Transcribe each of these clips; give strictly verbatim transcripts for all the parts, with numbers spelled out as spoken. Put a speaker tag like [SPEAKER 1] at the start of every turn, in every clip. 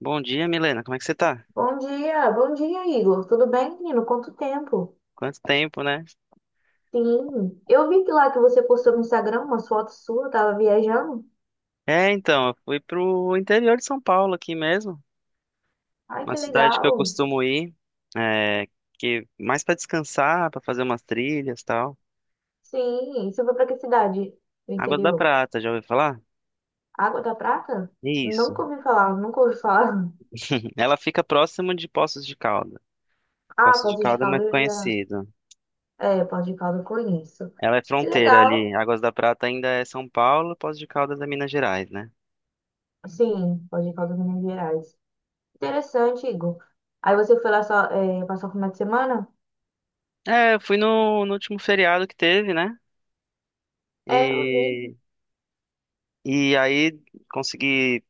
[SPEAKER 1] Bom dia, Milena. Como é que você tá?
[SPEAKER 2] Bom dia, bom dia, Igor. Tudo bem, menino? Quanto tempo?
[SPEAKER 1] Quanto tempo, né?
[SPEAKER 2] Sim, eu vi que lá que você postou no Instagram umas fotos suas, tava viajando.
[SPEAKER 1] É, então, eu fui pro interior de São Paulo aqui mesmo,
[SPEAKER 2] Ai,
[SPEAKER 1] uma
[SPEAKER 2] que
[SPEAKER 1] cidade que eu
[SPEAKER 2] legal.
[SPEAKER 1] costumo ir, é, que mais pra descansar, pra fazer umas trilhas, e tal.
[SPEAKER 2] Sim, você foi pra que cidade do
[SPEAKER 1] Água da
[SPEAKER 2] interior?
[SPEAKER 1] Prata, já ouviu falar?
[SPEAKER 2] Água da Prata?
[SPEAKER 1] Isso.
[SPEAKER 2] Nunca ouvi falar, nunca ouvi falar.
[SPEAKER 1] Ela fica próximo de Poços de Calda.
[SPEAKER 2] Ah,
[SPEAKER 1] Poços de
[SPEAKER 2] Poços de
[SPEAKER 1] Calda é mais
[SPEAKER 2] Caldas eu já...
[SPEAKER 1] conhecido.
[SPEAKER 2] É, Poços de Caldas eu conheço.
[SPEAKER 1] Ela é
[SPEAKER 2] Que
[SPEAKER 1] fronteira ali.
[SPEAKER 2] legal.
[SPEAKER 1] Águas da Prata ainda é São Paulo, Poços de Caldas é Minas Gerais, né?
[SPEAKER 2] Sim, Poços de Caldas, Minas Gerais. Interessante, Igor. Aí você foi lá só, é, passar o final de semana?
[SPEAKER 1] É, eu fui no, no último feriado que teve, né?
[SPEAKER 2] É, eu vi.
[SPEAKER 1] E, e aí consegui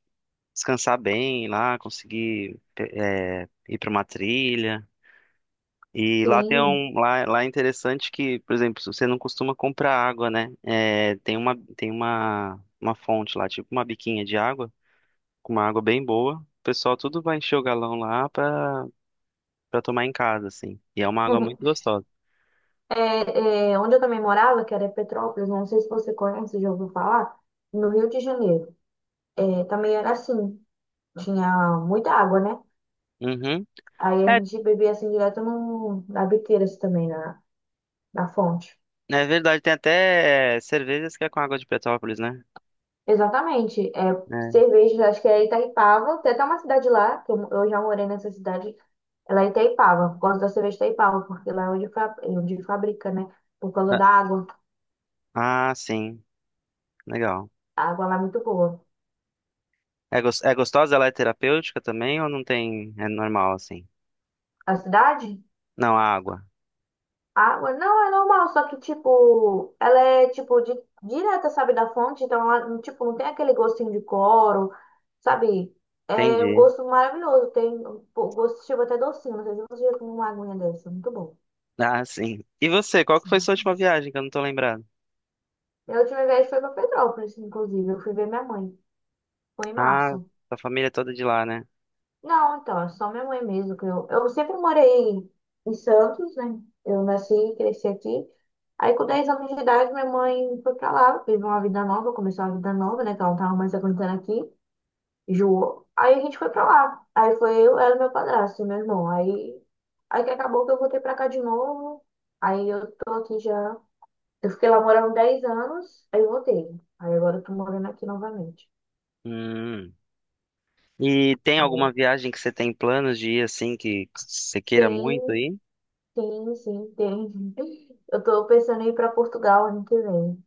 [SPEAKER 1] descansar bem lá, conseguir é, ir para uma trilha. E lá tem
[SPEAKER 2] Sim.
[SPEAKER 1] um lá, lá é interessante que, por exemplo, se você não costuma comprar água, né? É, tem uma tem uma uma fonte lá, tipo uma biquinha de água, com uma água bem boa. O pessoal tudo vai encher o galão lá para para tomar em casa, assim. E é uma água muito gostosa.
[SPEAKER 2] É, é, onde eu também morava, que era Petrópolis, não sei se você conhece, já ouviu falar, no Rio de Janeiro. É, também era assim, tinha muita água, né?
[SPEAKER 1] Uhum.
[SPEAKER 2] Aí a
[SPEAKER 1] É,
[SPEAKER 2] gente bebia assim direto no, na biqueira assim, também, na, na fonte.
[SPEAKER 1] é verdade, tem até é, cervejas que é com água de Petrópolis, né?
[SPEAKER 2] Exatamente. É,
[SPEAKER 1] É.
[SPEAKER 2] cerveja, acho que é Itaipava, tem até uma cidade lá, que eu, eu já morei nessa cidade, ela é Itaipava, gosto da cerveja Itaipava, porque lá é onde, fa- é onde fabrica, né? Por causa da água.
[SPEAKER 1] Ah, ah, sim. Legal.
[SPEAKER 2] A água lá é muito boa.
[SPEAKER 1] É, gos- é gostosa? Ela é terapêutica também ou não tem? É normal assim?
[SPEAKER 2] A cidade?
[SPEAKER 1] Não, a água.
[SPEAKER 2] Água, não, é normal, só que, tipo, ela é, tipo, di- direta, sabe, da fonte, então ela, tipo, não tem aquele gostinho de cloro, sabe? É um
[SPEAKER 1] Entendi.
[SPEAKER 2] gosto maravilhoso, tem um po- gosto, tipo, até docinho, não sei se você já tomou uma aguinha dessa, muito bom.
[SPEAKER 1] Ah, sim. E você, qual que foi sua última viagem que eu não tô lembrando?
[SPEAKER 2] Minha última viagem foi pra Petrópolis, inclusive, eu fui ver minha mãe, foi em
[SPEAKER 1] Ah,
[SPEAKER 2] março.
[SPEAKER 1] sua família é toda de lá, né?
[SPEAKER 2] Não, então, é só minha mãe mesmo que eu, eu sempre morei em Santos, né? Eu nasci e cresci aqui. Aí com dez anos de idade, minha mãe foi pra lá, teve uma vida nova, começou uma vida nova, né? Que ela não tava mais aguentando aqui, enjoou. Aí a gente foi pra lá. Aí foi eu, ela e meu padrasto, e meu irmão. Aí, aí que acabou que eu voltei pra cá de novo. Aí eu tô aqui já. Eu fiquei lá morando dez anos, aí eu voltei. Aí agora eu tô morando aqui novamente.
[SPEAKER 1] Hum. E tem alguma
[SPEAKER 2] Entendeu?
[SPEAKER 1] viagem que você tem planos de ir assim que você queira muito
[SPEAKER 2] Sim,
[SPEAKER 1] aí?
[SPEAKER 2] sim, sim, tem. Eu tô pensando em ir para Portugal ano que vem.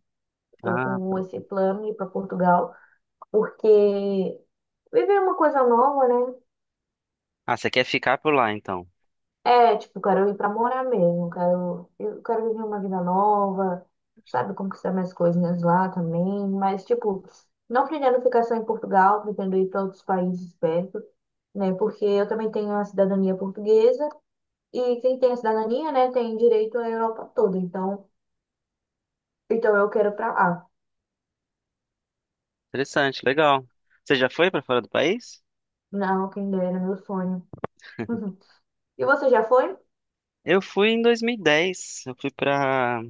[SPEAKER 2] Tô
[SPEAKER 1] Ah,
[SPEAKER 2] com
[SPEAKER 1] pô.
[SPEAKER 2] esse plano de ir para Portugal, porque viver é uma coisa nova, né?
[SPEAKER 1] ah, você quer ficar por lá então?
[SPEAKER 2] É, tipo, quero ir para morar mesmo, quero, eu quero viver uma vida nova, sabe, conquistar minhas coisinhas lá também, mas, tipo, não pretendo ficar só em Portugal, pretendo ir para outros países perto, né? Porque eu também tenho a cidadania portuguesa e quem tem a cidadania, né, tem direito à Europa toda, então, então eu quero ir para lá.
[SPEAKER 1] Interessante, legal. Você já foi pra fora do país?
[SPEAKER 2] Não, quem dera, meu sonho. E você já foi?
[SPEAKER 1] Eu fui em dois mil e dez. Eu fui pra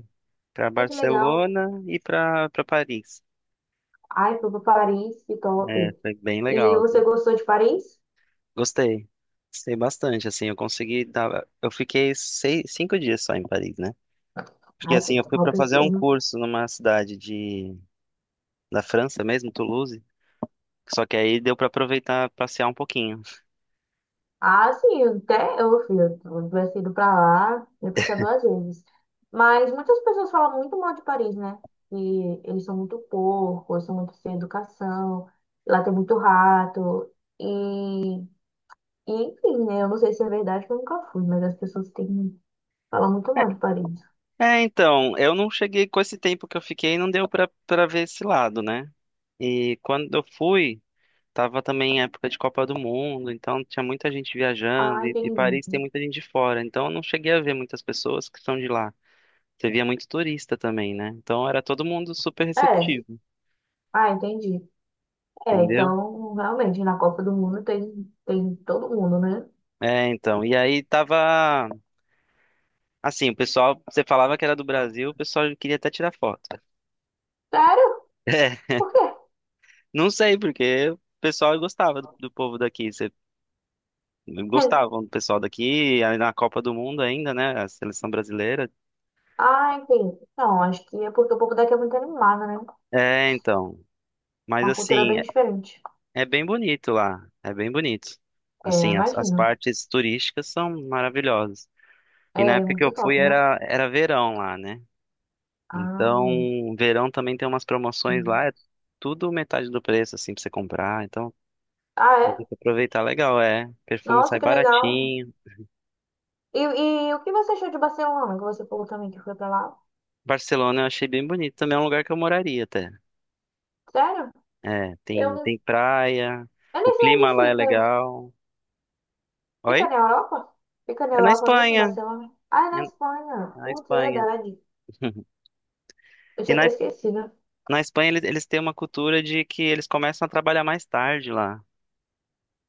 [SPEAKER 1] para
[SPEAKER 2] Ai, que legal.
[SPEAKER 1] Barcelona e pra para Paris.
[SPEAKER 2] Ai, foi pra Paris, que
[SPEAKER 1] É,
[SPEAKER 2] top.
[SPEAKER 1] foi bem
[SPEAKER 2] E
[SPEAKER 1] legal,
[SPEAKER 2] você
[SPEAKER 1] assim.
[SPEAKER 2] gostou de Paris?
[SPEAKER 1] Gostei. Gostei bastante, assim, eu consegui dar... Eu fiquei seis, cinco dias só em Paris, né? Porque,
[SPEAKER 2] Ai, que
[SPEAKER 1] assim, eu fui
[SPEAKER 2] top
[SPEAKER 1] para fazer
[SPEAKER 2] tudo.
[SPEAKER 1] um curso numa cidade de... da França mesmo, Toulouse. Só que aí deu para aproveitar, passear um pouquinho.
[SPEAKER 2] Ah, sim, até eu, filho. Se eu tivesse ido pra lá, eu ia pensar duas vezes. Mas muitas pessoas falam muito mal de Paris, né? Que eles são muito porcos, são muito sem educação, lá tem muito rato. E, e enfim, né? Eu não sei se é verdade, porque eu nunca fui, mas as pessoas têm, falam muito
[SPEAKER 1] É,
[SPEAKER 2] mal de Paris.
[SPEAKER 1] é, então, eu não cheguei com esse tempo que eu fiquei, não deu para para ver esse lado, né? E quando eu fui, tava também em época de Copa do Mundo, então tinha muita gente viajando,
[SPEAKER 2] Ah,
[SPEAKER 1] e, e
[SPEAKER 2] entendi.
[SPEAKER 1] Paris tem muita gente de fora, então eu não cheguei a ver muitas pessoas que são de lá. Você via muito turista também, né? Então era todo mundo super
[SPEAKER 2] É,
[SPEAKER 1] receptivo,
[SPEAKER 2] ah, entendi. É,
[SPEAKER 1] entendeu?
[SPEAKER 2] então, realmente, na Copa do Mundo tem, tem todo mundo, né?
[SPEAKER 1] É, então. E aí tava. Assim, o pessoal, você falava que era do Brasil, o pessoal queria até tirar foto.
[SPEAKER 2] Sério?
[SPEAKER 1] É,
[SPEAKER 2] Por quê?
[SPEAKER 1] não sei, porque o pessoal gostava do, do povo daqui. Você, gostavam do pessoal daqui, aí na Copa do Mundo ainda, né? A seleção brasileira.
[SPEAKER 2] Ah, enfim. Não, acho que é porque o povo daqui é muito animado, né?
[SPEAKER 1] É, então. Mas
[SPEAKER 2] Uma cultura
[SPEAKER 1] assim,
[SPEAKER 2] bem
[SPEAKER 1] é,
[SPEAKER 2] diferente.
[SPEAKER 1] é bem bonito lá. É bem bonito.
[SPEAKER 2] É,
[SPEAKER 1] Assim, as, as
[SPEAKER 2] imagino.
[SPEAKER 1] partes turísticas são maravilhosas. E na
[SPEAKER 2] É
[SPEAKER 1] época que eu
[SPEAKER 2] muito
[SPEAKER 1] fui
[SPEAKER 2] top, né?
[SPEAKER 1] era, era verão lá, né?
[SPEAKER 2] Ai.
[SPEAKER 1] Então, verão também tem umas promoções
[SPEAKER 2] Hum.
[SPEAKER 1] lá, é tudo metade do preço, assim, pra você comprar. Então,
[SPEAKER 2] Ah,
[SPEAKER 1] dá
[SPEAKER 2] é?
[SPEAKER 1] pra aproveitar legal, é. Perfume
[SPEAKER 2] Nossa,
[SPEAKER 1] sai
[SPEAKER 2] que legal.
[SPEAKER 1] baratinho.
[SPEAKER 2] E, e o que você achou de Barcelona, que você falou também que foi pra lá?
[SPEAKER 1] Barcelona eu achei bem bonito, também é um lugar que eu moraria até.
[SPEAKER 2] Sério?
[SPEAKER 1] É, tem,
[SPEAKER 2] Eu,
[SPEAKER 1] tem praia,
[SPEAKER 2] eu
[SPEAKER 1] o
[SPEAKER 2] nem sei
[SPEAKER 1] clima
[SPEAKER 2] onde
[SPEAKER 1] lá é
[SPEAKER 2] fica.
[SPEAKER 1] legal.
[SPEAKER 2] Fica
[SPEAKER 1] Oi?
[SPEAKER 2] na Europa? Fica na
[SPEAKER 1] É na
[SPEAKER 2] Europa mesmo,
[SPEAKER 1] Espanha.
[SPEAKER 2] Barcelona? Ah, é
[SPEAKER 1] É
[SPEAKER 2] na
[SPEAKER 1] na
[SPEAKER 2] Espanha.
[SPEAKER 1] é na
[SPEAKER 2] Putz, é
[SPEAKER 1] Espanha.
[SPEAKER 2] verdade. Eu
[SPEAKER 1] E
[SPEAKER 2] tinha
[SPEAKER 1] na,
[SPEAKER 2] até esquecido.
[SPEAKER 1] na Espanha eles, eles têm uma cultura de que eles começam a trabalhar mais tarde lá.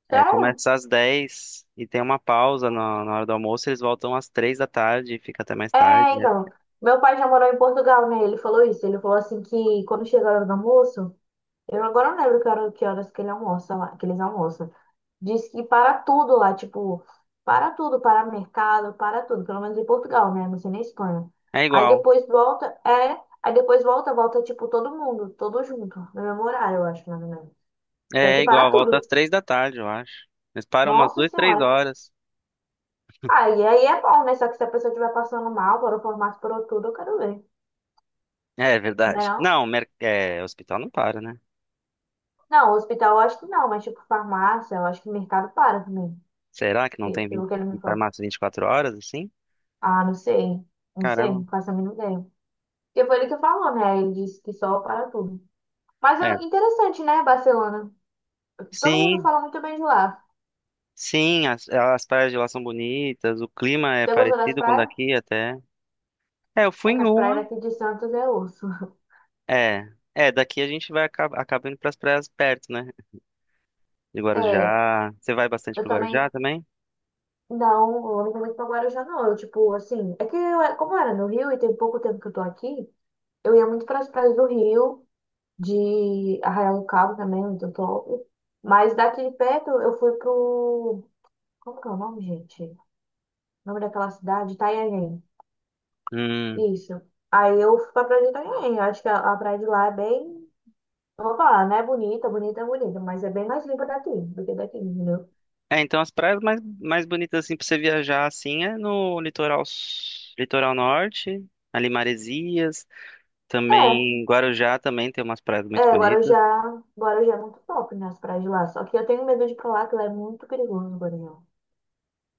[SPEAKER 1] É,
[SPEAKER 2] Sério?
[SPEAKER 1] começa às dez e tem uma pausa na, na hora do almoço, eles voltam às três da tarde e fica até mais
[SPEAKER 2] É,
[SPEAKER 1] tarde, né?
[SPEAKER 2] então, meu pai já morou em Portugal, né? Ele falou isso. Ele falou assim que quando chega a hora do almoço, eu agora não lembro que hora- que horas que ele almoça lá, que eles almoçam. Diz que para tudo lá, tipo, para tudo, para mercado, para tudo, pelo menos em Portugal, né? Não sei na Espanha.
[SPEAKER 1] É
[SPEAKER 2] Aí
[SPEAKER 1] igual.
[SPEAKER 2] depois volta, é, aí depois volta, volta tipo todo mundo, todo junto, no mesmo horário, eu acho, mais ou menos. Só
[SPEAKER 1] É é
[SPEAKER 2] que para
[SPEAKER 1] igual, volta
[SPEAKER 2] tudo.
[SPEAKER 1] às três da tarde, eu acho. Eles param umas
[SPEAKER 2] Nossa
[SPEAKER 1] duas três
[SPEAKER 2] Senhora.
[SPEAKER 1] horas.
[SPEAKER 2] Aí, aí é bom, né? Só que se a pessoa estiver passando mal, por o formato, por tudo, eu quero ver.
[SPEAKER 1] É
[SPEAKER 2] Né
[SPEAKER 1] verdade.
[SPEAKER 2] não?
[SPEAKER 1] Não, mer- é, o hospital não para, né?
[SPEAKER 2] Não, hospital eu acho que não, mas tipo farmácia, eu acho que mercado para também,
[SPEAKER 1] Será que não
[SPEAKER 2] pe-
[SPEAKER 1] tem vinte
[SPEAKER 2] pelo que ele me falou.
[SPEAKER 1] farmácia vinte e quatro horas assim?
[SPEAKER 2] Ah, não sei, não sei,
[SPEAKER 1] Caramba.
[SPEAKER 2] não faço a mínima ideia. Porque foi ele que falou, né? Ele disse que só para tudo. Mas
[SPEAKER 1] É.
[SPEAKER 2] é interessante, né, Barcelona? Todo mundo
[SPEAKER 1] Sim,
[SPEAKER 2] fala muito bem de lá.
[SPEAKER 1] sim, as, as praias de lá são bonitas, o clima é
[SPEAKER 2] Você gostou das
[SPEAKER 1] parecido com o
[SPEAKER 2] praias?
[SPEAKER 1] daqui até. É, eu fui
[SPEAKER 2] É que
[SPEAKER 1] em
[SPEAKER 2] as praias
[SPEAKER 1] uma.
[SPEAKER 2] daqui de Santos é osso.
[SPEAKER 1] É, é, daqui a gente vai acaba, acaba indo para as praias perto, né? De
[SPEAKER 2] É,
[SPEAKER 1] Guarujá. Você vai bastante
[SPEAKER 2] eu
[SPEAKER 1] pro Guarujá
[SPEAKER 2] também.
[SPEAKER 1] também?
[SPEAKER 2] Não, eu não vou muito pra Guarujá, não. Eu, tipo, assim, é que eu, como eu era no Rio e tem pouco tempo que eu tô aqui, eu ia muito para as praias do Rio. De Arraial do Cabo também, muito top. Mas daqui de perto eu fui pro. Como que é o nome, gente? O nome daquela cidade? Itanhaém.
[SPEAKER 1] Hum.
[SPEAKER 2] Isso. Aí eu fui pra praia de Itanhaém. Acho que a, a praia de lá é bem. Eu vou falar, né? Bonita, bonita, bonita, mas é bem mais limpa daqui do que daqui, entendeu?
[SPEAKER 1] É, então as praias mais, mais bonitas assim pra você viajar assim é no litoral s- litoral norte, ali Maresias,
[SPEAKER 2] É,
[SPEAKER 1] também Guarujá também tem umas praias muito
[SPEAKER 2] é, Guarujá,
[SPEAKER 1] bonitas.
[SPEAKER 2] Guarujá é muito top, né? As praias de lá. Só que eu tenho medo de ir pra lá, que lá é muito perigoso, Guarujá.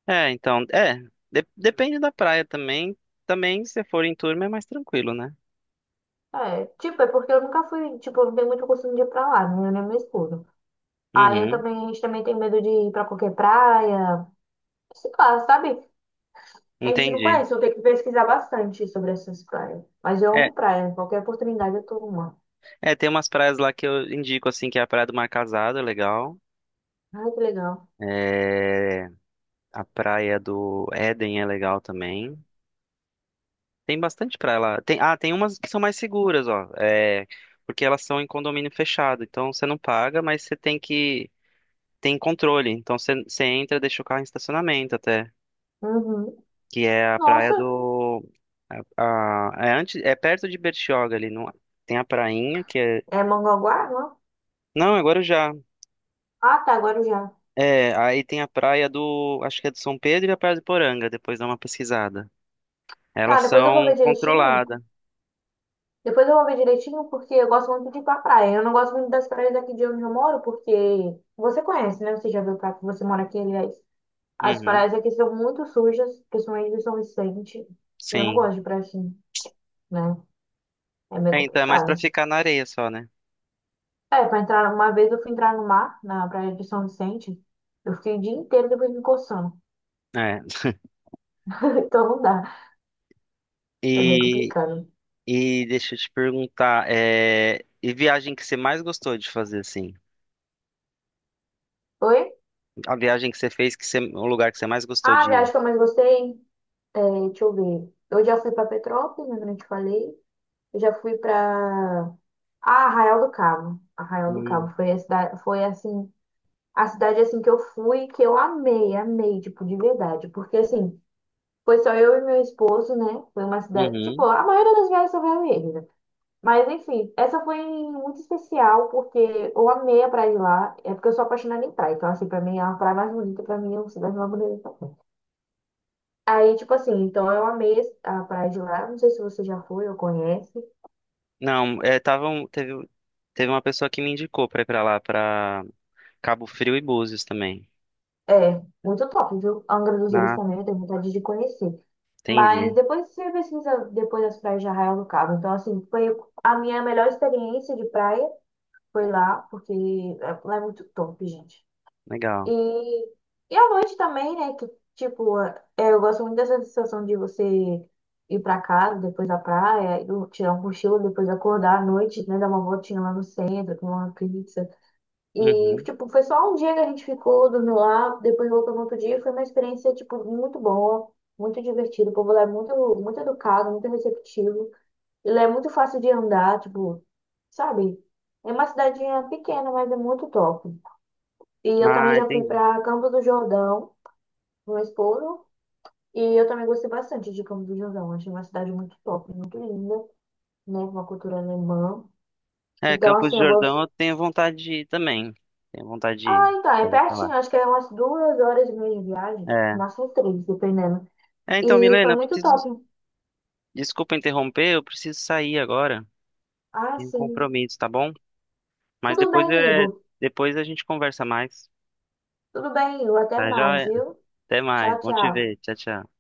[SPEAKER 1] É, então, é, de- depende da praia também. Também se for em turma é mais tranquilo, né?
[SPEAKER 2] É, tipo, é porque eu nunca fui, tipo, eu não tenho muito costume de ir pra lá, né? Eu nem meu esposo. Aí eu
[SPEAKER 1] Uhum,
[SPEAKER 2] também, a gente também tem medo de ir pra qualquer praia. Sei lá, sabe? A gente não
[SPEAKER 1] entendi.
[SPEAKER 2] conhece, eu tenho que pesquisar bastante sobre essas praias. Mas eu
[SPEAKER 1] É,
[SPEAKER 2] amo praia, qualquer oportunidade eu tô numa.
[SPEAKER 1] é, tem umas praias lá que eu indico assim que é a praia do Mar Casado, é legal.
[SPEAKER 2] Ai, que legal.
[SPEAKER 1] É, a praia do Éden é legal também. Tem bastante pra lá. Tem, ah, tem umas que são mais seguras, ó. É, porque elas são em condomínio fechado. Então você não paga, mas você tem que. Tem controle. Então você, você entra, deixa o carro em estacionamento até.
[SPEAKER 2] Uhum.
[SPEAKER 1] Que é a praia
[SPEAKER 2] Nossa,
[SPEAKER 1] do. A, a- é, antes, é perto de Bertioga ali. Não, tem a prainha, que é.
[SPEAKER 2] é Mongaguá, não? É?
[SPEAKER 1] Não, agora já.
[SPEAKER 2] Ah, tá, Guarujá.
[SPEAKER 1] É, aí tem a praia do. Acho que é do São Pedro e a praia do Poranga. Depois dá uma pesquisada.
[SPEAKER 2] Tá,
[SPEAKER 1] Elas
[SPEAKER 2] depois eu vou
[SPEAKER 1] são
[SPEAKER 2] ver direitinho.
[SPEAKER 1] controladas.
[SPEAKER 2] Depois eu vou ver direitinho porque eu gosto muito de ir pra praia. Eu não gosto muito das praias daqui de onde eu moro porque você conhece, né? Você já viu pra que você mora aqui, aliás. As
[SPEAKER 1] Uhum,
[SPEAKER 2] praias aqui são muito sujas, principalmente de São Vicente. E eu não
[SPEAKER 1] sim.
[SPEAKER 2] gosto de praia assim. Né? É meio
[SPEAKER 1] É, então é mais pra
[SPEAKER 2] complicado.
[SPEAKER 1] ficar na areia só, né?
[SPEAKER 2] É, pra entrar, uma vez eu fui entrar no mar, na praia de São Vicente, eu fiquei o dia inteiro depois me coçando.
[SPEAKER 1] É.
[SPEAKER 2] Então não dá, é meio
[SPEAKER 1] E,
[SPEAKER 2] complicado.
[SPEAKER 1] e deixa eu te perguntar, é, e viagem que você mais gostou de fazer, assim?
[SPEAKER 2] Oi?
[SPEAKER 1] A viagem que você fez, que você, o lugar que você mais gostou
[SPEAKER 2] Ah,
[SPEAKER 1] de
[SPEAKER 2] a
[SPEAKER 1] ir?
[SPEAKER 2] viagem que eu mais gostei, eh, deixa eu ver. Eu já fui pra Petrópolis, né, como eu te falei. Eu já fui pra ah, Arraial do Cabo. Arraial do Cabo
[SPEAKER 1] Hum,
[SPEAKER 2] foi a cidade, foi assim, a cidade assim que eu fui, que eu amei, amei, tipo, de verdade, porque assim, foi só eu e meu esposo, né? Foi uma cidade, tipo,
[SPEAKER 1] uhum.
[SPEAKER 2] a maioria das viagens só vai eu e ele, né? Mas enfim, essa foi muito especial porque eu amei a praia de lá. É porque eu sou apaixonada em praia. Então, assim, pra mim, é a praia mais bonita, pra mim, é uma cidade mais bonita. Então. Aí, tipo assim, então eu amei a praia de lá. Não sei se você já foi ou conhece.
[SPEAKER 1] Não, é, tava um- teve, teve uma pessoa que me indicou pra ir pra lá, pra Cabo Frio e Búzios também.
[SPEAKER 2] É, muito top, viu? Angra dos Reis
[SPEAKER 1] Ah,
[SPEAKER 2] também, eu tenho vontade de conhecer. Mas
[SPEAKER 1] entendi.
[SPEAKER 2] depois você pesquisa depois das praias de Arraial do Cabo. Então, assim, foi a minha melhor experiência de praia. Foi lá, porque é, lá é muito top, gente.
[SPEAKER 1] Legal.
[SPEAKER 2] E, e à noite também, né? Que, tipo, é, eu gosto muito dessa sensação de você ir pra casa, depois da praia, eu tirar um cochilo, depois acordar à noite, né? Dar uma voltinha lá no centro, comer uma pizza. E,
[SPEAKER 1] Uhum.
[SPEAKER 2] tipo, foi só um dia que a gente ficou, dormiu lá, depois voltou no outro dia. Foi uma experiência, tipo, muito boa, muito divertida. O povo lá é muito, muito educado, muito receptivo. E lá é muito fácil de andar, tipo, sabe? É uma cidadinha pequena, mas é muito top. E eu também
[SPEAKER 1] Ah,
[SPEAKER 2] já fui
[SPEAKER 1] entendi.
[SPEAKER 2] para Campo do Jordão, no Estouro, e eu também gostei bastante de Campo do Jordão. Achei uma cidade muito top, muito linda, né? Com uma cultura alemã.
[SPEAKER 1] É,
[SPEAKER 2] Então,
[SPEAKER 1] Campos do
[SPEAKER 2] assim, eu
[SPEAKER 1] Jordão
[SPEAKER 2] gosto.
[SPEAKER 1] eu tenho vontade de ir também. Tenho vontade de
[SPEAKER 2] Ah,
[SPEAKER 1] ir,
[SPEAKER 2] então,
[SPEAKER 1] já
[SPEAKER 2] é
[SPEAKER 1] ouvi falar.
[SPEAKER 2] pertinho, acho que é umas duas horas e meia de viagem,
[SPEAKER 1] É.
[SPEAKER 2] máximo três, dependendo.
[SPEAKER 1] É, então,
[SPEAKER 2] E foi
[SPEAKER 1] Milena, eu
[SPEAKER 2] muito
[SPEAKER 1] preciso.
[SPEAKER 2] top.
[SPEAKER 1] Desculpa interromper, eu preciso sair agora.
[SPEAKER 2] Ah,
[SPEAKER 1] Tem um
[SPEAKER 2] sim.
[SPEAKER 1] compromisso, tá bom? Mas
[SPEAKER 2] Tudo
[SPEAKER 1] depois
[SPEAKER 2] bem,
[SPEAKER 1] é,
[SPEAKER 2] Igor.
[SPEAKER 1] depois a gente conversa mais,
[SPEAKER 2] Tudo bem, Igor. Até
[SPEAKER 1] tá? Já,
[SPEAKER 2] mais,
[SPEAKER 1] é.
[SPEAKER 2] viu?
[SPEAKER 1] Até mais.
[SPEAKER 2] Tchau,
[SPEAKER 1] Bom te
[SPEAKER 2] tchau.
[SPEAKER 1] ver. Tchau, tchau.